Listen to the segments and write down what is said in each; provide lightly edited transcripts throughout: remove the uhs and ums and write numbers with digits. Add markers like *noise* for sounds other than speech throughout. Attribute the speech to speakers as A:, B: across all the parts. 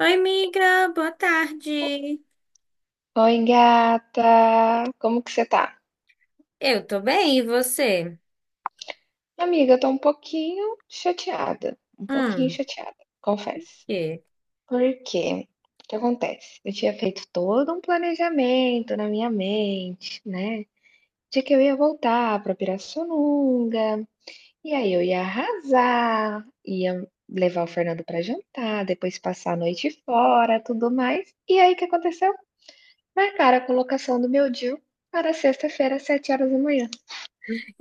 A: Oi, amiga, boa tarde.
B: Oi, gata. Como que você tá?
A: Eu tô bem, e você?
B: Amiga, eu tô um pouquinho chateada. Um pouquinho
A: Hum,
B: chateada, confesso.
A: que?
B: Por quê? O que acontece? Eu tinha feito todo um planejamento na minha mente, né? De que eu ia voltar pra Pirassununga, e aí eu ia arrasar, ia levar o Fernando pra jantar, depois passar a noite fora, tudo mais. E aí o que aconteceu? Marcaram a colocação do meu DIU para sexta-feira, às 7 horas da manhã.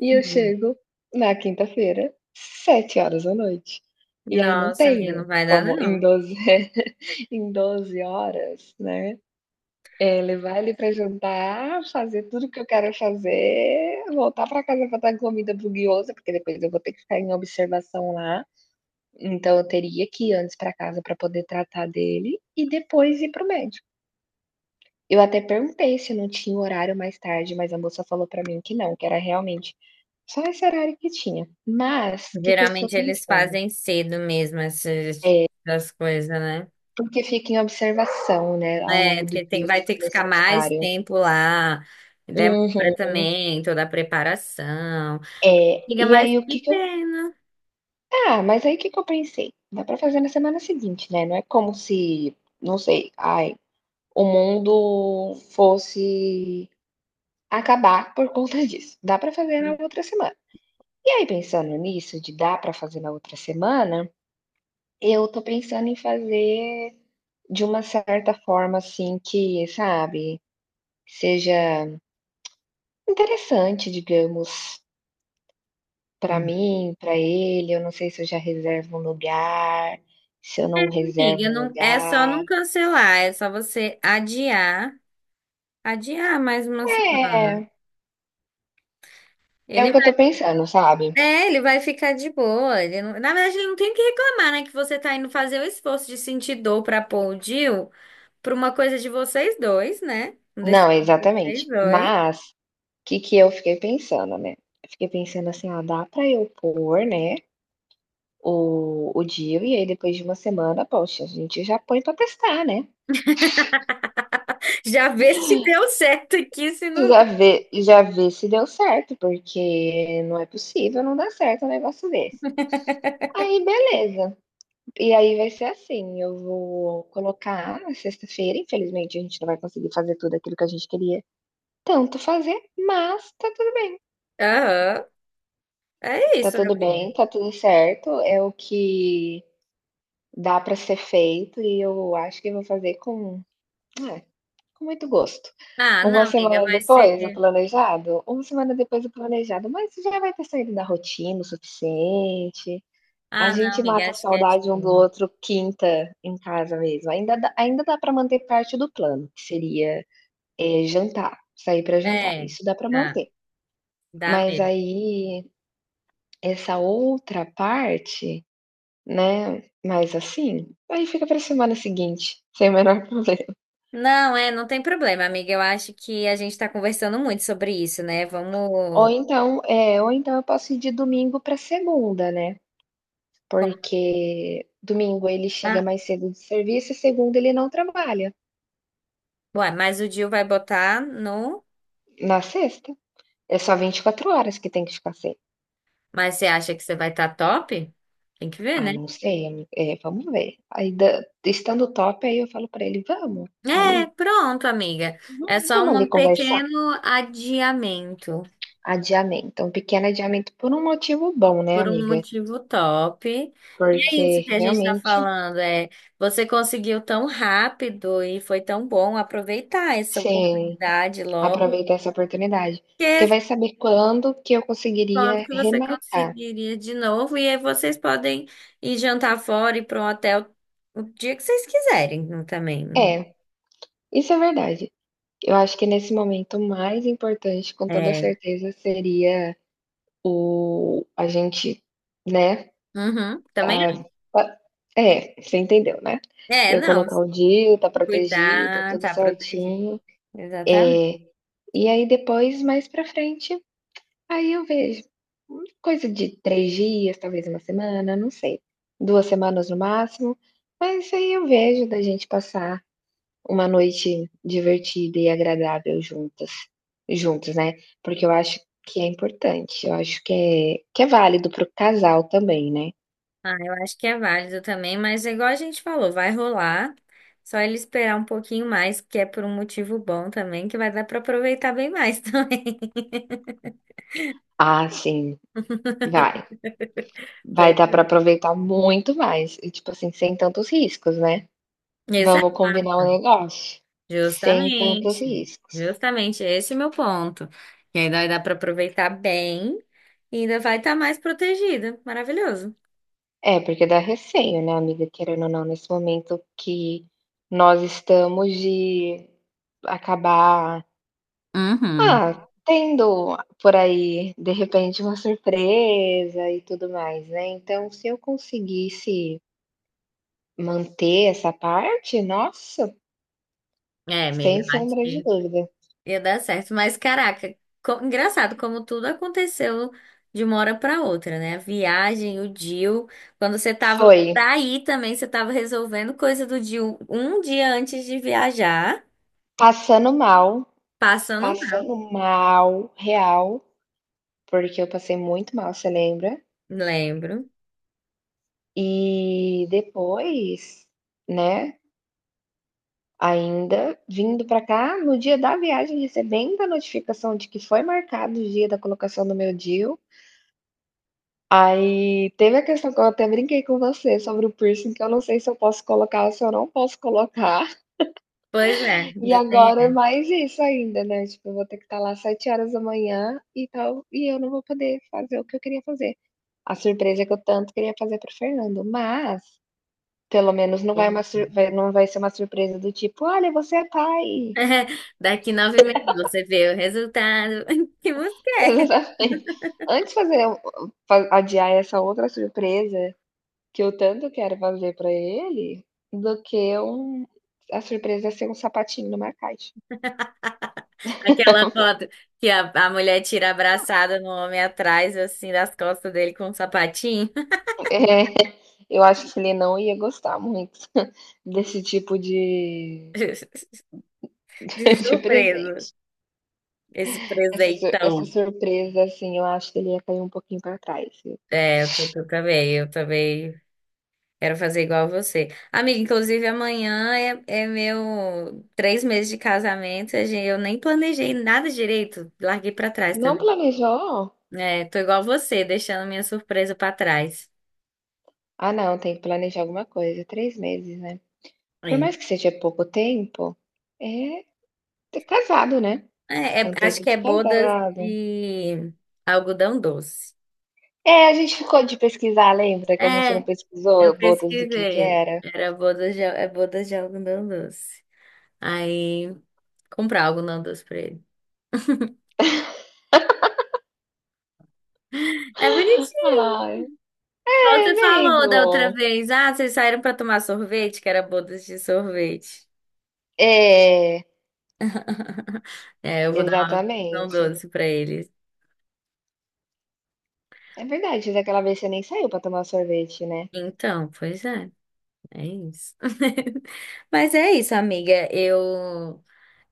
B: E eu
A: Hum.
B: chego na quinta-feira, 7 horas da noite e aí não
A: Nossa, minha não
B: tenho
A: vai dar,
B: como em
A: não.
B: 12 *laughs* em 12 horas, né, levar ele pra jantar, fazer tudo o que eu quero fazer, voltar para casa para dar comida para Guiosa, porque depois eu vou ter que ficar em observação lá, então eu teria que ir antes para casa para poder tratar dele e depois ir para o médico. Eu até perguntei se não tinha horário mais tarde, mas a moça falou para mim que não, que era realmente só esse horário que tinha. Mas, o que que eu estou
A: Geralmente eles
B: pensando?
A: fazem cedo mesmo essas coisas, né?
B: Porque fica em observação, né, ao
A: É,
B: longo do
A: porque tem,
B: dia, se
A: vai ter
B: for
A: que ficar mais
B: necessário.
A: tempo lá. Demora
B: Uhum.
A: também toda a preparação.
B: É,
A: Amiga,
B: e
A: mas
B: aí o que
A: que
B: que eu
A: pena.
B: ah, mas aí o que que eu pensei? Dá pra fazer na semana seguinte, né, não é como se, não sei, ai, o mundo fosse acabar por conta *laughs* disso. Dá pra fazer na outra semana. E aí pensando nisso, de dar pra fazer na outra semana, eu tô pensando em fazer. De uma certa forma, assim, que, sabe, seja interessante, digamos, para mim, para ele. Eu não sei se eu já reservo um lugar, se eu não reservo
A: Amiga,
B: um
A: não, é só
B: lugar.
A: não cancelar, é só você adiar, adiar mais uma semana.
B: É, é o
A: Ele
B: que eu tô pensando, sabe.
A: Ele vai ficar de boa. Ele não- Na verdade, ele não tem o que reclamar, né? Que você tá indo fazer o esforço de sentir dor pra pôr o Jill pra uma coisa de vocês dois, né? Uma
B: Não,
A: decisão de vocês
B: exatamente.
A: dois.
B: Mas, o que que eu fiquei pensando, né. Eu fiquei pensando assim: "Ah, dá pra eu pôr, né, o DIU e aí depois de uma semana, poxa, a gente já põe pra testar, né".
A: *laughs* Já vê se deu certo aqui, se não.
B: Já vê se deu certo, porque não é possível não dar certo um negócio desse. Aí, beleza. E aí vai ser assim, eu vou colocar na sexta-feira, infelizmente a gente não vai conseguir fazer tudo aquilo que a gente queria tanto fazer, mas
A: Aham. É
B: tá
A: isso,
B: tudo
A: amiga.
B: bem, tá tudo certo, é o que dá pra ser feito e eu acho que eu vou fazer com, ah, com muito gosto.
A: Ah,
B: Uma
A: não, amiga,
B: semana
A: vai ser.
B: depois, o planejado? Uma semana depois o planejado, mas já vai ter saído da rotina o suficiente. A
A: Ah, não,
B: gente
A: amiga,
B: mata a
A: acho que é de
B: saudade um do
A: boa.
B: outro quinta em casa mesmo. Ainda dá, ainda dá para manter parte do plano, que seria, jantar, sair para jantar,
A: É,
B: isso dá para
A: tá,
B: manter.
A: dá
B: Mas
A: mesmo.
B: aí, essa outra parte, né. Mas assim, aí fica pra semana seguinte, sem o menor problema.
A: Não, é, não tem problema, amiga. Eu acho que a gente tá conversando muito sobre isso, né?
B: Ou
A: Vamos.
B: então é, ou então eu posso ir de domingo para segunda, né, porque domingo ele chega
A: Ah,
B: mais cedo do serviço e segunda ele não trabalha.
A: ué, mas o Gil vai botar no.
B: Na sexta, é só 24 horas que tem que ficar sem.
A: Mas você acha que você vai estar top? Tem que ver,
B: Ah,
A: né?
B: não sei, ami vamos ver. Aí da estando top, aí eu falo para ele: "Vamos
A: É,
B: ali.
A: pronto, amiga.
B: Uhum,
A: É só
B: vamos ali
A: um
B: conversar".
A: pequeno adiamento
B: Adiamento, um pequeno adiamento por um motivo bom, né,
A: por um
B: amiga,
A: motivo top. E é isso
B: porque
A: que a gente está
B: realmente
A: falando, é você conseguiu tão rápido e foi tão bom aproveitar essa
B: sim.
A: oportunidade logo,
B: Aproveitar essa oportunidade, porque
A: porque
B: vai saber quando que eu
A: quando
B: conseguiria
A: que você
B: remarcar.
A: conseguiria de novo e aí vocês podem ir jantar fora e para um hotel o dia que vocês quiserem também.
B: É, isso é verdade. Eu acho que nesse momento o mais importante, com toda
A: É,
B: certeza, seria o a gente, né,
A: uhum, também.
B: tá, tá, é, você entendeu, né. Eu
A: Não.
B: colocar o dia, tá protegida,
A: Cuidar,
B: tudo
A: tá protegido.
B: certinho.
A: Exatamente.
B: Eh, e aí depois, mais pra frente, aí eu vejo, coisa de 3 dias, talvez uma semana, não sei, 2 semanas no máximo, mas aí eu vejo da gente passar uma noite divertida e agradável juntas, juntos, né, porque eu acho que é importante, eu acho que é válido para o casal também, né.
A: Ah, eu acho que é válido também, mas é igual a gente falou, vai rolar. Só ele esperar um pouquinho mais, que é por um motivo bom também, que vai dar para aproveitar bem mais *laughs* também.
B: Ah, sim, vai. Vai
A: Pois
B: dar pra
A: é.
B: aproveitar muito mais e, tipo assim, sem tantos riscos, né.
A: Exato,
B: Vamos combinar um negócio? Sem tantos
A: justamente.
B: riscos.
A: Justamente, esse é o meu ponto. E ainda vai dar para aproveitar bem e ainda vai estar mais protegida. Maravilhoso.
B: É, porque dá receio, né, amiga, querendo ou não, nesse momento que nós estamos de acabar,
A: Uhum.
B: tendo por aí, de repente, uma surpresa e tudo mais, né. Então, se eu conseguisse manter essa parte, nossa,
A: É, amiga,
B: sem
A: eu acho
B: sombra de
A: que
B: dúvida.
A: Ia dar certo. Mas, caraca, engraçado como tudo aconteceu de uma hora para outra, né? A viagem, o deal. Quando você tava
B: Foi,
A: pra ir também, você tava resolvendo coisa do deal um dia antes de viajar,
B: passando mal,
A: passando mal.
B: passando mal, real, porque eu passei muito mal, você lembra?
A: Lembro.
B: E depois, né, ainda vindo para cá, no dia da viagem, recebendo a notificação de que foi marcado o dia da colocação do meu DIU. Aí teve a questão que eu até brinquei com você sobre o piercing, que eu não sei se eu posso colocar ou se eu não posso colocar.
A: Pois é,
B: E
A: ainda tem.
B: agora é mais isso ainda, né, tipo, eu vou ter que estar lá às 7 horas da manhã e tal, e eu não vou poder fazer o que eu queria fazer. A surpresa que eu tanto queria fazer para o Fernando, mas pelo menos não
A: Bom
B: vai, uma sur,
A: motivo.
B: vai, não vai ser uma surpresa do tipo: "Olha, você é pai".
A: *laughs* Daqui 9 meses você vê o resultado. *laughs* Que música
B: *laughs*
A: é?
B: Exatamente. Antes de fazer, fa, adiar essa outra surpresa que eu tanto quero fazer pra ele, do que um, a surpresa ser um sapatinho numa caixa.
A: Aquela foto que a mulher tira abraçada no homem atrás, assim, das costas dele com um sapatinho.
B: É, eu acho que ele não ia gostar muito *laughs* desse tipo de
A: *laughs* De
B: *laughs* de
A: surpresa.
B: presente.
A: Esse
B: Essa su, essa
A: presentão.
B: surpresa, assim, eu acho que ele ia cair um pouquinho pra trás.
A: Eu também, eu também quero fazer igual a você. Amiga, inclusive amanhã é meu 3 meses de casamento, eu nem planejei nada direito, larguei pra trás
B: Não
A: também.
B: planejou?
A: É, tô igual a você, deixando minha surpresa pra trás.
B: Ah, não, tem que planejar alguma coisa. 3 meses, né. Por
A: É,
B: mais que seja pouco tempo, é, tá casado, né? É um
A: Acho
B: tempo
A: que
B: de
A: é bodas
B: casado.
A: de algodão doce.
B: É, a gente ficou de pesquisar, lembra? Que a gente
A: É,
B: não pesquisou
A: eu
B: bodas do que
A: pesquisei.
B: era.
A: É bodas de algodão doce. Aí, comprar algodão doce pra ele. É bonitinho.
B: Ai,
A: Igual
B: é,
A: você falou da outra
B: amigo.
A: vez. Ah, vocês saíram pra tomar sorvete, que era bodas de sorvete.
B: É,
A: *laughs* É, eu vou dar uma opção
B: exatamente.
A: doce pra eles.
B: É verdade, daquela vez você nem saiu pra tomar sorvete, né?
A: Então, pois é. É isso. *laughs* Mas é isso, amiga. Eu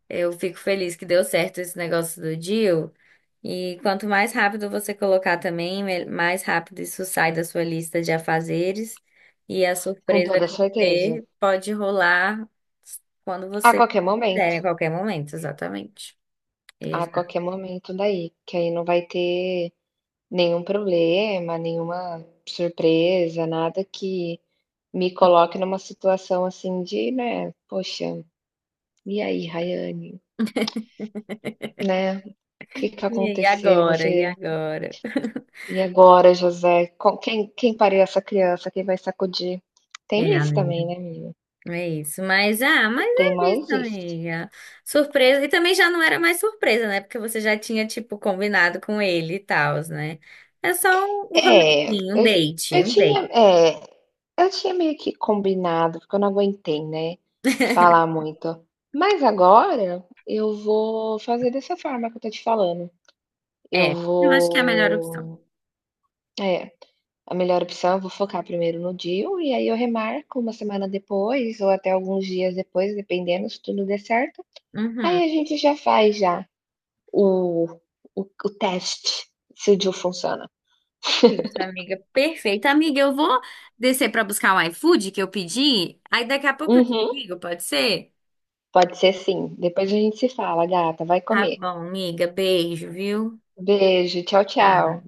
A: Eu fico feliz que deu certo esse negócio do deal. E quanto mais rápido você colocar também, mais rápido isso sai da sua lista de afazeres. E a
B: Com
A: surpresa
B: toda
A: com
B: certeza.
A: você pode rolar quando
B: A
A: você
B: qualquer
A: quiser,
B: momento.
A: em qualquer momento, exatamente.
B: A
A: Exato.
B: qualquer momento daí. Que aí não vai ter nenhum problema, nenhuma surpresa, nada que me coloque numa situação assim de, né? Poxa, e aí, Rayane? Né, o que que
A: E aí,
B: aconteceu?
A: agora? E
B: Você
A: agora?
B: e agora José, com quem, quem paria essa criança, quem vai sacudir?
A: É,
B: Tem isso
A: amiga.
B: também, né, menina?
A: É isso, mas
B: Tem
A: é isso,
B: mais isso.
A: amiga. Surpresa, e também já não era mais surpresa, né? Porque você já tinha, tipo, combinado com ele e tal, né? É só um
B: É,
A: rolezinho,
B: eu eu
A: um
B: tinha,
A: date.
B: é, eu tinha meio que combinado, porque eu não aguentei, né, falar muito. Mas agora eu vou fazer dessa forma que eu tô te falando. Eu
A: É, eu acho que é a melhor opção.
B: vou, é, a melhor opção, eu vou focar primeiro no DIU e aí eu remarco uma semana depois ou até alguns dias depois, dependendo se tudo der certo.
A: Uhum.
B: Aí a gente já faz, já o o o teste se o DIU funciona.
A: É isso, amiga. Perfeito. Amiga, eu vou descer pra buscar o iFood que eu pedi, aí daqui a pouco eu te
B: Uhum,
A: ligo, pode ser?
B: pode ser sim. Depois a gente se fala, gata, vai
A: Tá
B: comer.
A: bom, amiga. Beijo, viu?
B: Beijo, tchau,
A: Tchau.
B: tchau.